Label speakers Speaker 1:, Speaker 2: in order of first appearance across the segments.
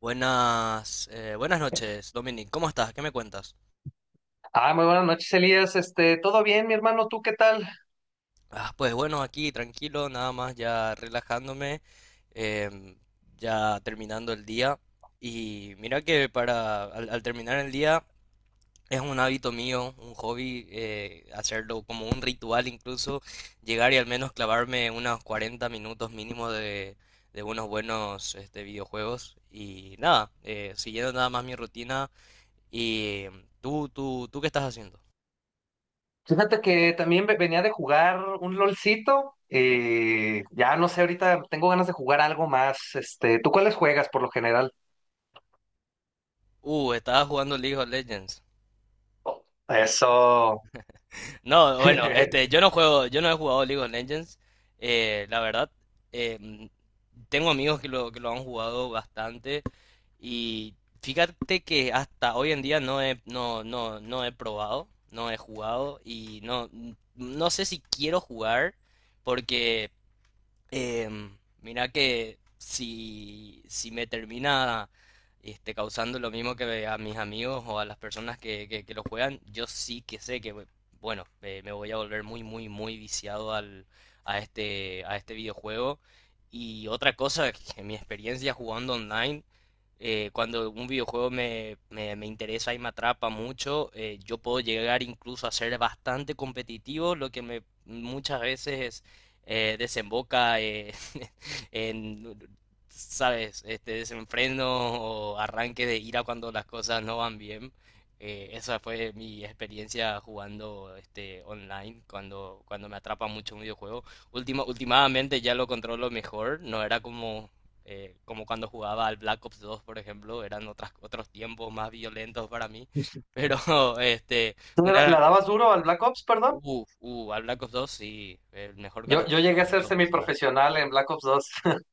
Speaker 1: Buenas, buenas noches, Dominic. ¿Cómo estás? ¿Qué me cuentas?
Speaker 2: Ah, muy buenas noches, Elías. ¿Todo bien, mi hermano? ¿Tú qué tal?
Speaker 1: Ah, pues bueno, aquí tranquilo, nada más ya relajándome, em, ya terminando el día. Y mira que para al terminar el día es un hábito mío, un hobby, hacerlo como un ritual incluso, llegar y al menos clavarme unos 40 minutos mínimo de unos buenos este, videojuegos. Y nada, siguiendo nada más mi rutina. ¿Y tú qué estás haciendo?
Speaker 2: Fíjate que también venía de jugar un LOLcito. Ya no sé, ahorita tengo ganas de jugar algo más. ¿Tú cuáles juegas por lo general?
Speaker 1: Estaba jugando League of Legends.
Speaker 2: Eso.
Speaker 1: No, bueno, este,
Speaker 2: ¿Tú
Speaker 1: yo no juego, yo no he jugado League of Legends. La verdad, em, tengo amigos que lo han jugado bastante. Y fíjate que hasta hoy en día no he, no, no, no he probado, no he jugado. Y no, no sé si quiero jugar. Porque Em, mirá que si me termina este, causando lo mismo que a mis amigos o a las personas que lo juegan, yo sí que sé que, bueno, me voy a volver muy, muy, muy viciado a este videojuego. Y otra cosa, que mi experiencia jugando online, cuando un videojuego me interesa y me atrapa mucho, yo puedo llegar incluso a ser bastante competitivo, lo que me muchas veces desemboca en, ¿sabes? Este desenfreno o arranque de ira cuando las cosas no van bien. Esa fue mi experiencia jugando este online cuando me atrapa mucho un videojuego. Últimamente ya lo controlo mejor, no era como, como cuando jugaba al Black Ops 2, por ejemplo, eran otros tiempos más violentos para mí, pero este,
Speaker 2: le
Speaker 1: una,
Speaker 2: dabas duro al Black Ops, perdón?
Speaker 1: al Black Ops 2 sí, el mejor Call
Speaker 2: Yo,
Speaker 1: of
Speaker 2: yo llegué
Speaker 1: Duty
Speaker 2: a
Speaker 1: en
Speaker 2: ser
Speaker 1: lo personal.
Speaker 2: semiprofesional en Black Ops 2.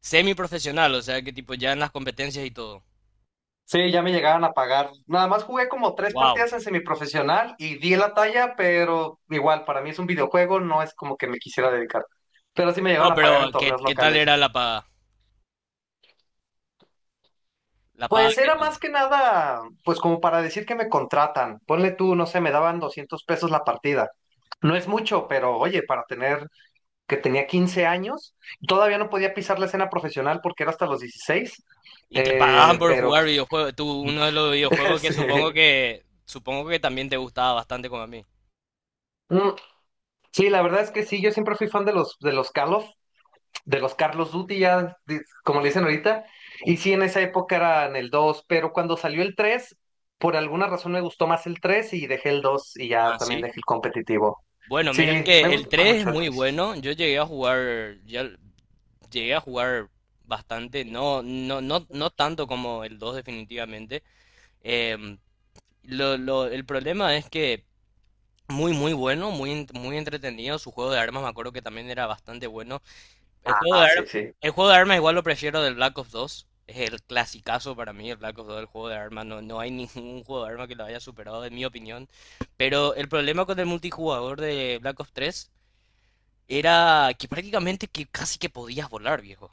Speaker 1: Semiprofesional, o sea que tipo ya en las competencias y todo.
Speaker 2: Sí, ya me llegaban a pagar. Nada más jugué como tres
Speaker 1: Wow.
Speaker 2: partidas en semiprofesional y di la talla, pero igual, para mí es un videojuego, no es como que me quisiera dedicar. Pero sí me
Speaker 1: No,
Speaker 2: llegaban a pagar en
Speaker 1: pero ¿qué,
Speaker 2: torneos
Speaker 1: qué tal
Speaker 2: locales.
Speaker 1: era la paga? La paga,
Speaker 2: Pues
Speaker 1: ¿qué
Speaker 2: era
Speaker 1: tal?
Speaker 2: más que nada, pues como para decir que me contratan. Ponle tú, no sé, me daban 200 pesos la partida. No es mucho, pero oye, para tener que tenía 15 años, todavía no podía pisar la escena profesional porque era hasta los 16.
Speaker 1: Y te pagaban por
Speaker 2: Pero
Speaker 1: jugar videojuegos. Tú, uno de los videojuegos que
Speaker 2: sí.
Speaker 1: supongo que supongo que también te gustaba bastante como a mí.
Speaker 2: Mm, sí, la verdad es que sí, yo siempre fui fan de los, de los Carlos Duty, ya, como le dicen ahorita, y sí, en esa época eran el dos, pero cuando salió el tres, por alguna razón me gustó más el 3 y dejé el dos, y ya
Speaker 1: Ah,
Speaker 2: también
Speaker 1: sí.
Speaker 2: dejé el competitivo.
Speaker 1: Bueno, mira
Speaker 2: Sí, me
Speaker 1: que el
Speaker 2: gusta
Speaker 1: 3 es
Speaker 2: mucho el
Speaker 1: muy
Speaker 2: dos.
Speaker 1: bueno. Yo llegué a jugar, ya llegué a jugar bastante, no, no, no, no tanto como el 2 definitivamente. Em, el problema es que muy, muy bueno, muy entretenido. Su juego de armas me acuerdo que también era bastante bueno. El juego de,
Speaker 2: Ah, sí,
Speaker 1: ar-
Speaker 2: sí.
Speaker 1: el juego de armas igual lo prefiero del Black Ops 2. Es el clasicazo para mí, el Black Ops 2, el juego de armas. No, no hay ningún juego de armas que lo haya superado, en mi opinión. Pero el problema con el multijugador de Black Ops 3 era que prácticamente que casi que podías volar, viejo.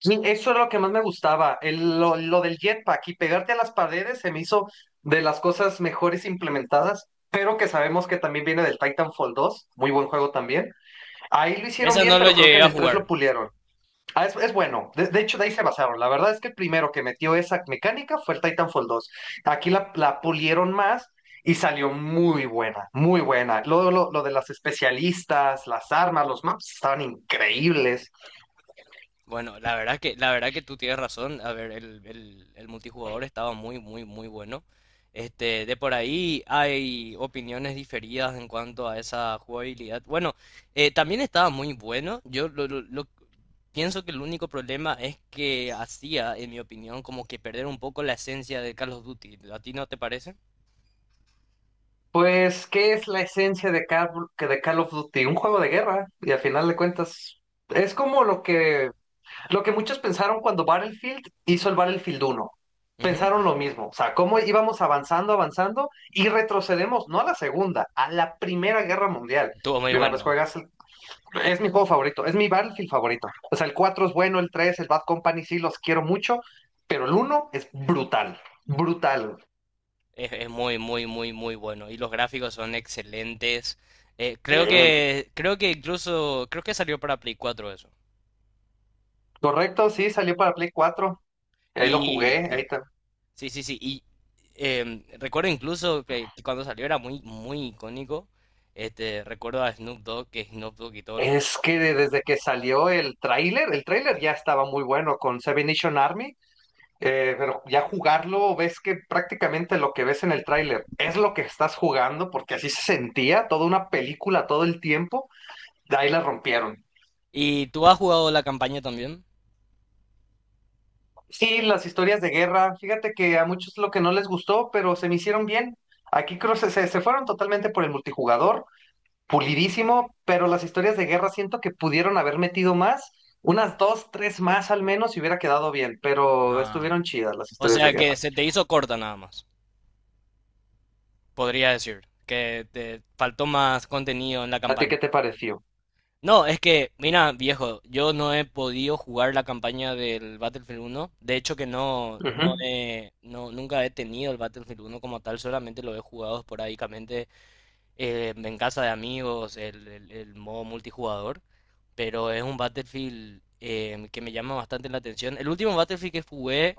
Speaker 2: Sí, eso era lo que más me gustaba, lo del jetpack, y pegarte a las paredes se me hizo de las cosas mejores implementadas, pero que sabemos que también viene del Titanfall 2, muy buen juego también. Ahí lo hicieron
Speaker 1: Esa
Speaker 2: bien,
Speaker 1: no lo
Speaker 2: pero creo que
Speaker 1: llegué
Speaker 2: en
Speaker 1: a
Speaker 2: el 3
Speaker 1: jugar.
Speaker 2: lo pulieron. Ah, es bueno, de hecho de ahí se basaron. La verdad es que el primero que metió esa mecánica fue el Titanfall 2. Aquí la pulieron más y salió muy buena, muy buena. Lo de las especialistas, las armas, los maps estaban increíbles.
Speaker 1: Bueno, la verdad que tú tienes razón. A ver, el multijugador estaba muy, muy, muy bueno. Este, de por ahí hay opiniones diferidas en cuanto a esa jugabilidad. Bueno, también estaba muy bueno. Yo lo- Pienso que el único problema es que hacía, en mi opinión, como que perder un poco la esencia de Call of Duty. ¿A ti no te parece?
Speaker 2: Pues, ¿qué es la esencia de Call, que de Call of Duty? Un juego de guerra, y al final de cuentas, es como lo que muchos pensaron cuando Battlefield hizo el Battlefield uno.
Speaker 1: Ujú.
Speaker 2: Pensaron lo mismo, o sea, cómo íbamos avanzando, avanzando, y retrocedemos, no a la Segunda, a la Primera Guerra Mundial.
Speaker 1: Estuvo muy
Speaker 2: Y una vez
Speaker 1: bueno.
Speaker 2: juegas, es mi juego favorito, es mi Battlefield favorito. O sea, el 4 es bueno, el 3, el Bad Company sí los quiero mucho, pero el uno es brutal, brutal.
Speaker 1: Es muy, muy, muy, muy bueno. Y los gráficos son excelentes. Creo que incluso, creo que salió para Play cuatro eso.
Speaker 2: Correcto, sí, salió para Play 4. Ahí lo
Speaker 1: Y
Speaker 2: jugué,
Speaker 1: sí, sí, sí. Sí. Y recuerdo incluso que cuando salió era muy, muy icónico. Este, recuerdo a Snoop Dogg, que Snoop Dogg y todos los...
Speaker 2: es que desde que salió el tráiler ya estaba muy bueno con Seven Nation Army, pero ya jugarlo, ves que prácticamente lo que ves en el tráiler es lo que estás jugando, porque así se sentía, toda una película todo el tiempo, de ahí la rompieron.
Speaker 1: ¿Y tú has jugado la campaña también?
Speaker 2: Sí, las historias de guerra, fíjate que a muchos lo que no les gustó, pero se me hicieron bien. Aquí creo que se fueron totalmente por el multijugador, pulidísimo, pero las historias de guerra siento que pudieron haber metido más, unas dos, tres más al menos, y hubiera quedado bien, pero
Speaker 1: Ah,
Speaker 2: estuvieron chidas las
Speaker 1: o
Speaker 2: historias de
Speaker 1: sea
Speaker 2: guerra.
Speaker 1: que se te hizo corta nada más, podría decir, que te faltó más contenido en la
Speaker 2: ¿A ti
Speaker 1: campaña.
Speaker 2: qué te pareció?
Speaker 1: No, es que, mira, viejo, yo no he podido jugar la campaña del Battlefield uno. De hecho que no, no
Speaker 2: Ujú.
Speaker 1: he, no, nunca he tenido el Battlefield uno como tal, solamente lo he jugado esporádicamente en casa de amigos, el modo multijugador. Pero es un Battlefield que me llama bastante la atención. El último Battlefield que jugué,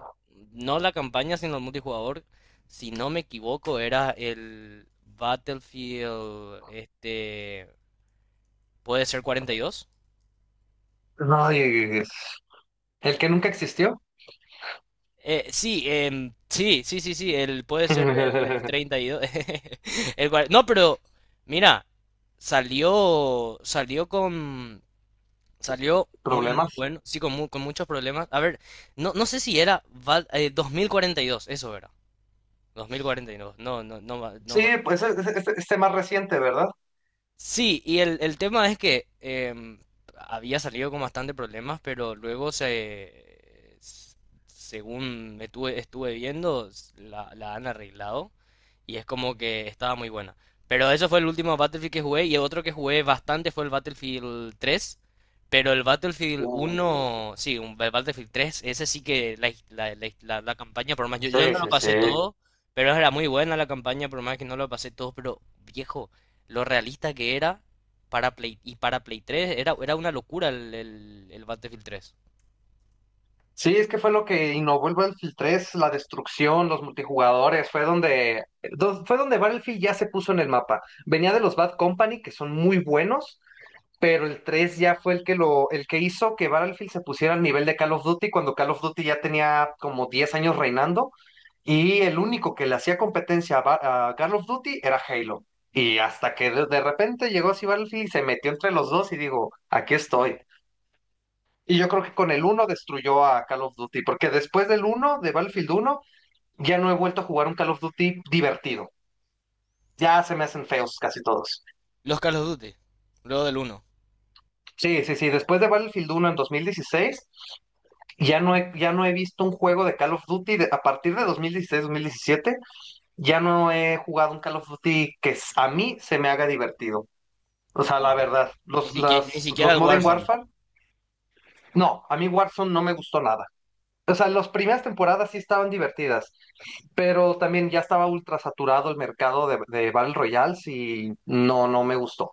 Speaker 1: no la campaña, sino el multijugador, si no me equivoco, era el Battlefield, este, puede ser 42.
Speaker 2: Ay, el que nunca existió.
Speaker 1: El, puede ser el 32. No, pero mira, salió, salió con, salió muy, muy
Speaker 2: Problemas.
Speaker 1: bueno, sí, con muchos problemas. A ver, no, no sé si era 2042, eso era, 2042. No, no, no, va- no,
Speaker 2: Sí, pues es tema reciente, ¿verdad?
Speaker 1: Sí, y el tema es que había salido con bastante problemas, pero luego según estuve viendo, la han arreglado y es como que estaba muy buena. Pero eso fue el último Battlefield que jugué y el otro que jugué bastante fue el Battlefield tres, pero el Battlefield
Speaker 2: Mm,
Speaker 1: uno sí, el Battlefield tres ese sí que la campaña, por más, yo
Speaker 2: Sí,
Speaker 1: no lo
Speaker 2: sí, sí.
Speaker 1: pasé todo, pero era muy buena la campaña, por más que no lo pasé todo, pero viejo, lo realista que era para Play y para Play 3 era, era una locura el Battlefield tres.
Speaker 2: Sí, es que fue lo que innovó el Battlefield 3, la destrucción, los multijugadores, fue fue donde Battlefield ya se puso en el mapa. Venía de los Bad Company, que son muy buenos, pero el 3 ya fue el que el que hizo que Battlefield se pusiera al nivel de Call of Duty, cuando Call of Duty ya tenía como 10 años reinando, y el único que le hacía competencia a, a Call of Duty era Halo. Y hasta que de repente llegó así Battlefield y se metió entre los dos y digo, aquí estoy. Y yo creo que con el uno destruyó a Call of Duty, porque después del uno de Battlefield uno ya no he vuelto a jugar un Call of Duty divertido. Ya se me hacen feos casi todos.
Speaker 1: Los Call of Duty, luego del uno.
Speaker 2: Sí, sí, sí. Después de Battlefield uno en 2016, ya no he visto un juego de Call of Duty a partir de 2016-2017, ya no he jugado un Call of Duty que a mí se me haga divertido. O sea, la
Speaker 1: Wow.
Speaker 2: verdad,
Speaker 1: Ni siquiera, ni siquiera
Speaker 2: los
Speaker 1: el
Speaker 2: Modern
Speaker 1: Warzone.
Speaker 2: Warfare, no, a mí Warzone no me gustó nada. O sea, las primeras temporadas sí estaban divertidas, pero también ya estaba ultra saturado el mercado de Battle Royales y no, no me gustó.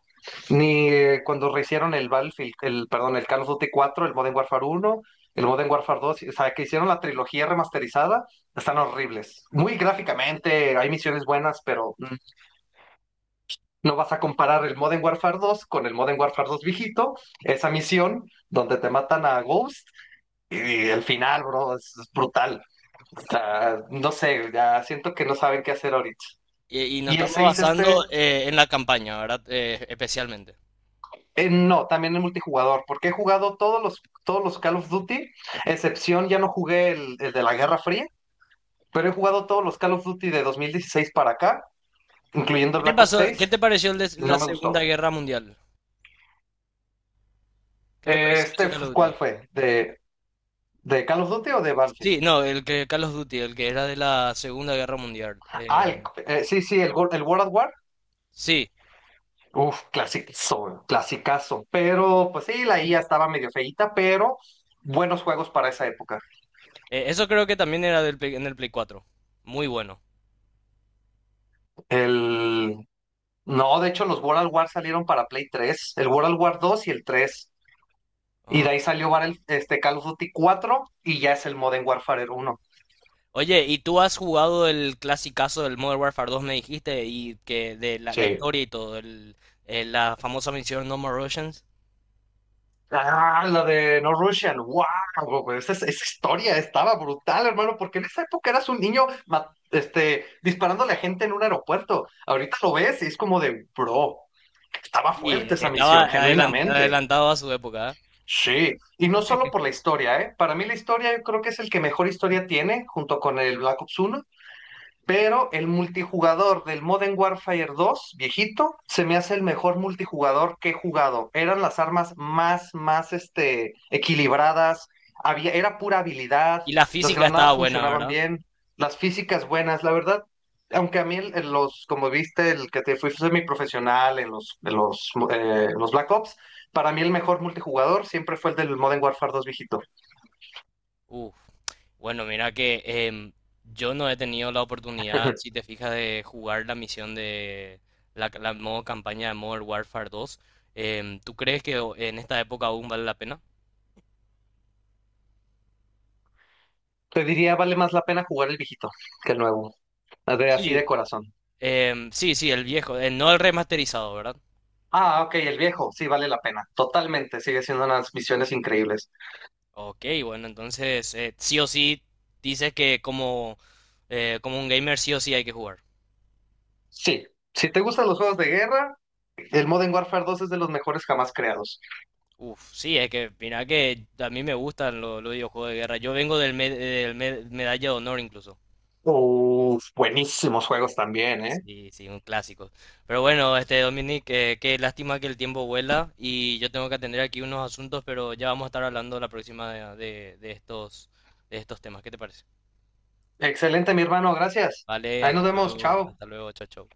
Speaker 2: Ni cuando rehicieron el Battlefield, perdón, el Call of Duty cuatro, el Modern Warfare uno, el Modern Warfare dos, o sea, que hicieron la trilogía remasterizada, están horribles. Muy gráficamente, hay misiones buenas, pero no vas a comparar el Modern Warfare dos con el Modern Warfare dos viejito, esa misión donde te matan a Ghost y, el final, bro, es brutal. O sea, no sé, ya siento que no saben qué hacer ahorita.
Speaker 1: Y nos
Speaker 2: Y el
Speaker 1: estamos
Speaker 2: 6 este,
Speaker 1: basando en la campaña, ¿verdad? Especialmente.
Speaker 2: no, también en multijugador, porque he jugado todos los Call of Duty, excepción ya no jugué el de la Guerra Fría, pero he jugado todos los Call of Duty de 2016 para acá, incluyendo
Speaker 1: ¿Qué te
Speaker 2: Black Ops
Speaker 1: pasó? ¿Qué
Speaker 2: seis,
Speaker 1: te pareció el de
Speaker 2: y
Speaker 1: la
Speaker 2: no me
Speaker 1: Segunda
Speaker 2: gustó.
Speaker 1: Guerra Mundial? ¿Qué te pareció ese Call of Duty?
Speaker 2: ¿Cuál fue? ¿De Call of Duty o de Battlefield?
Speaker 1: Sí, no, el que Call of Duty, el que era de la Segunda Guerra Mundial.
Speaker 2: Ah, sí, el World at War.
Speaker 1: Sí,
Speaker 2: Uf, clasicazo, clasicazo. Pero, pues sí, la IA estaba medio feíta, pero buenos juegos para esa época.
Speaker 1: eso creo que también era del, en el Play cuatro. Muy bueno.
Speaker 2: El, No, de hecho los World at War salieron para Play 3, el World at War 2 y el tres. Y
Speaker 1: Ah.
Speaker 2: de ahí salió Call of Duty 4 y ya es el Modern Warfare uno.
Speaker 1: Oye, ¿y tú has jugado el clasicazo del Modern Warfare 2, me dijiste, y que de la
Speaker 2: Sí.
Speaker 1: historia y todo, la famosa misión No More Russians?
Speaker 2: Ah, la de No Russian, wow, güey, esa historia estaba brutal, hermano, porque en esa época eras un niño disparándole a gente en un aeropuerto. Ahorita lo ves y es como de, bro, estaba fuerte
Speaker 1: Sí,
Speaker 2: esa
Speaker 1: estaba
Speaker 2: misión, genuinamente.
Speaker 1: adelantado a su época, ¿eh?
Speaker 2: Sí, y no solo por la historia, ¿eh? Para mí la historia yo creo que es el que mejor historia tiene, junto con el Black Ops uno. Pero el multijugador del Modern Warfare dos viejito, se me hace el mejor multijugador que he jugado. Eran las armas más, equilibradas. Había, era pura habilidad.
Speaker 1: Y la
Speaker 2: Las
Speaker 1: física
Speaker 2: granadas
Speaker 1: estaba buena,
Speaker 2: funcionaban
Speaker 1: ¿verdad?
Speaker 2: bien. Las físicas buenas. La verdad, aunque a mí como viste, el que te fui semiprofesional en los Black Ops, para mí el mejor multijugador siempre fue el del Modern Warfare dos viejito.
Speaker 1: Uf, bueno, mira que yo no he tenido la oportunidad, si te fijas, de jugar la misión de la modo campaña de Modern Warfare 2. ¿Tú crees que en esta época aún vale la pena?
Speaker 2: Te diría, vale más la pena jugar el viejito que el nuevo, de, así de
Speaker 1: Sí.
Speaker 2: corazón.
Speaker 1: Sí, sí, el viejo, no el remasterizado, ¿verdad?
Speaker 2: Ah, ok, el viejo, sí, vale la pena. Totalmente, sigue siendo unas misiones increíbles.
Speaker 1: Ok, bueno, entonces sí o sí dices que como, como un gamer sí o sí hay que jugar.
Speaker 2: Sí, si te gustan los juegos de guerra, el Modern Warfare dos es de los mejores jamás creados.
Speaker 1: Uf, sí, es que mira que a mí me gustan los videojuegos de guerra. Yo vengo del, medalla de honor incluso.
Speaker 2: Uf, buenísimos juegos también, ¿eh?
Speaker 1: Sí, sí, un clásico. Pero bueno, este Dominic, qué lástima que el tiempo vuela y yo tengo que atender aquí unos asuntos, pero ya vamos a estar hablando la próxima de estos temas. ¿Qué te parece?
Speaker 2: Excelente, mi hermano, gracias.
Speaker 1: Vale,
Speaker 2: Ahí nos vemos, chao.
Speaker 1: hasta luego, chao, chao.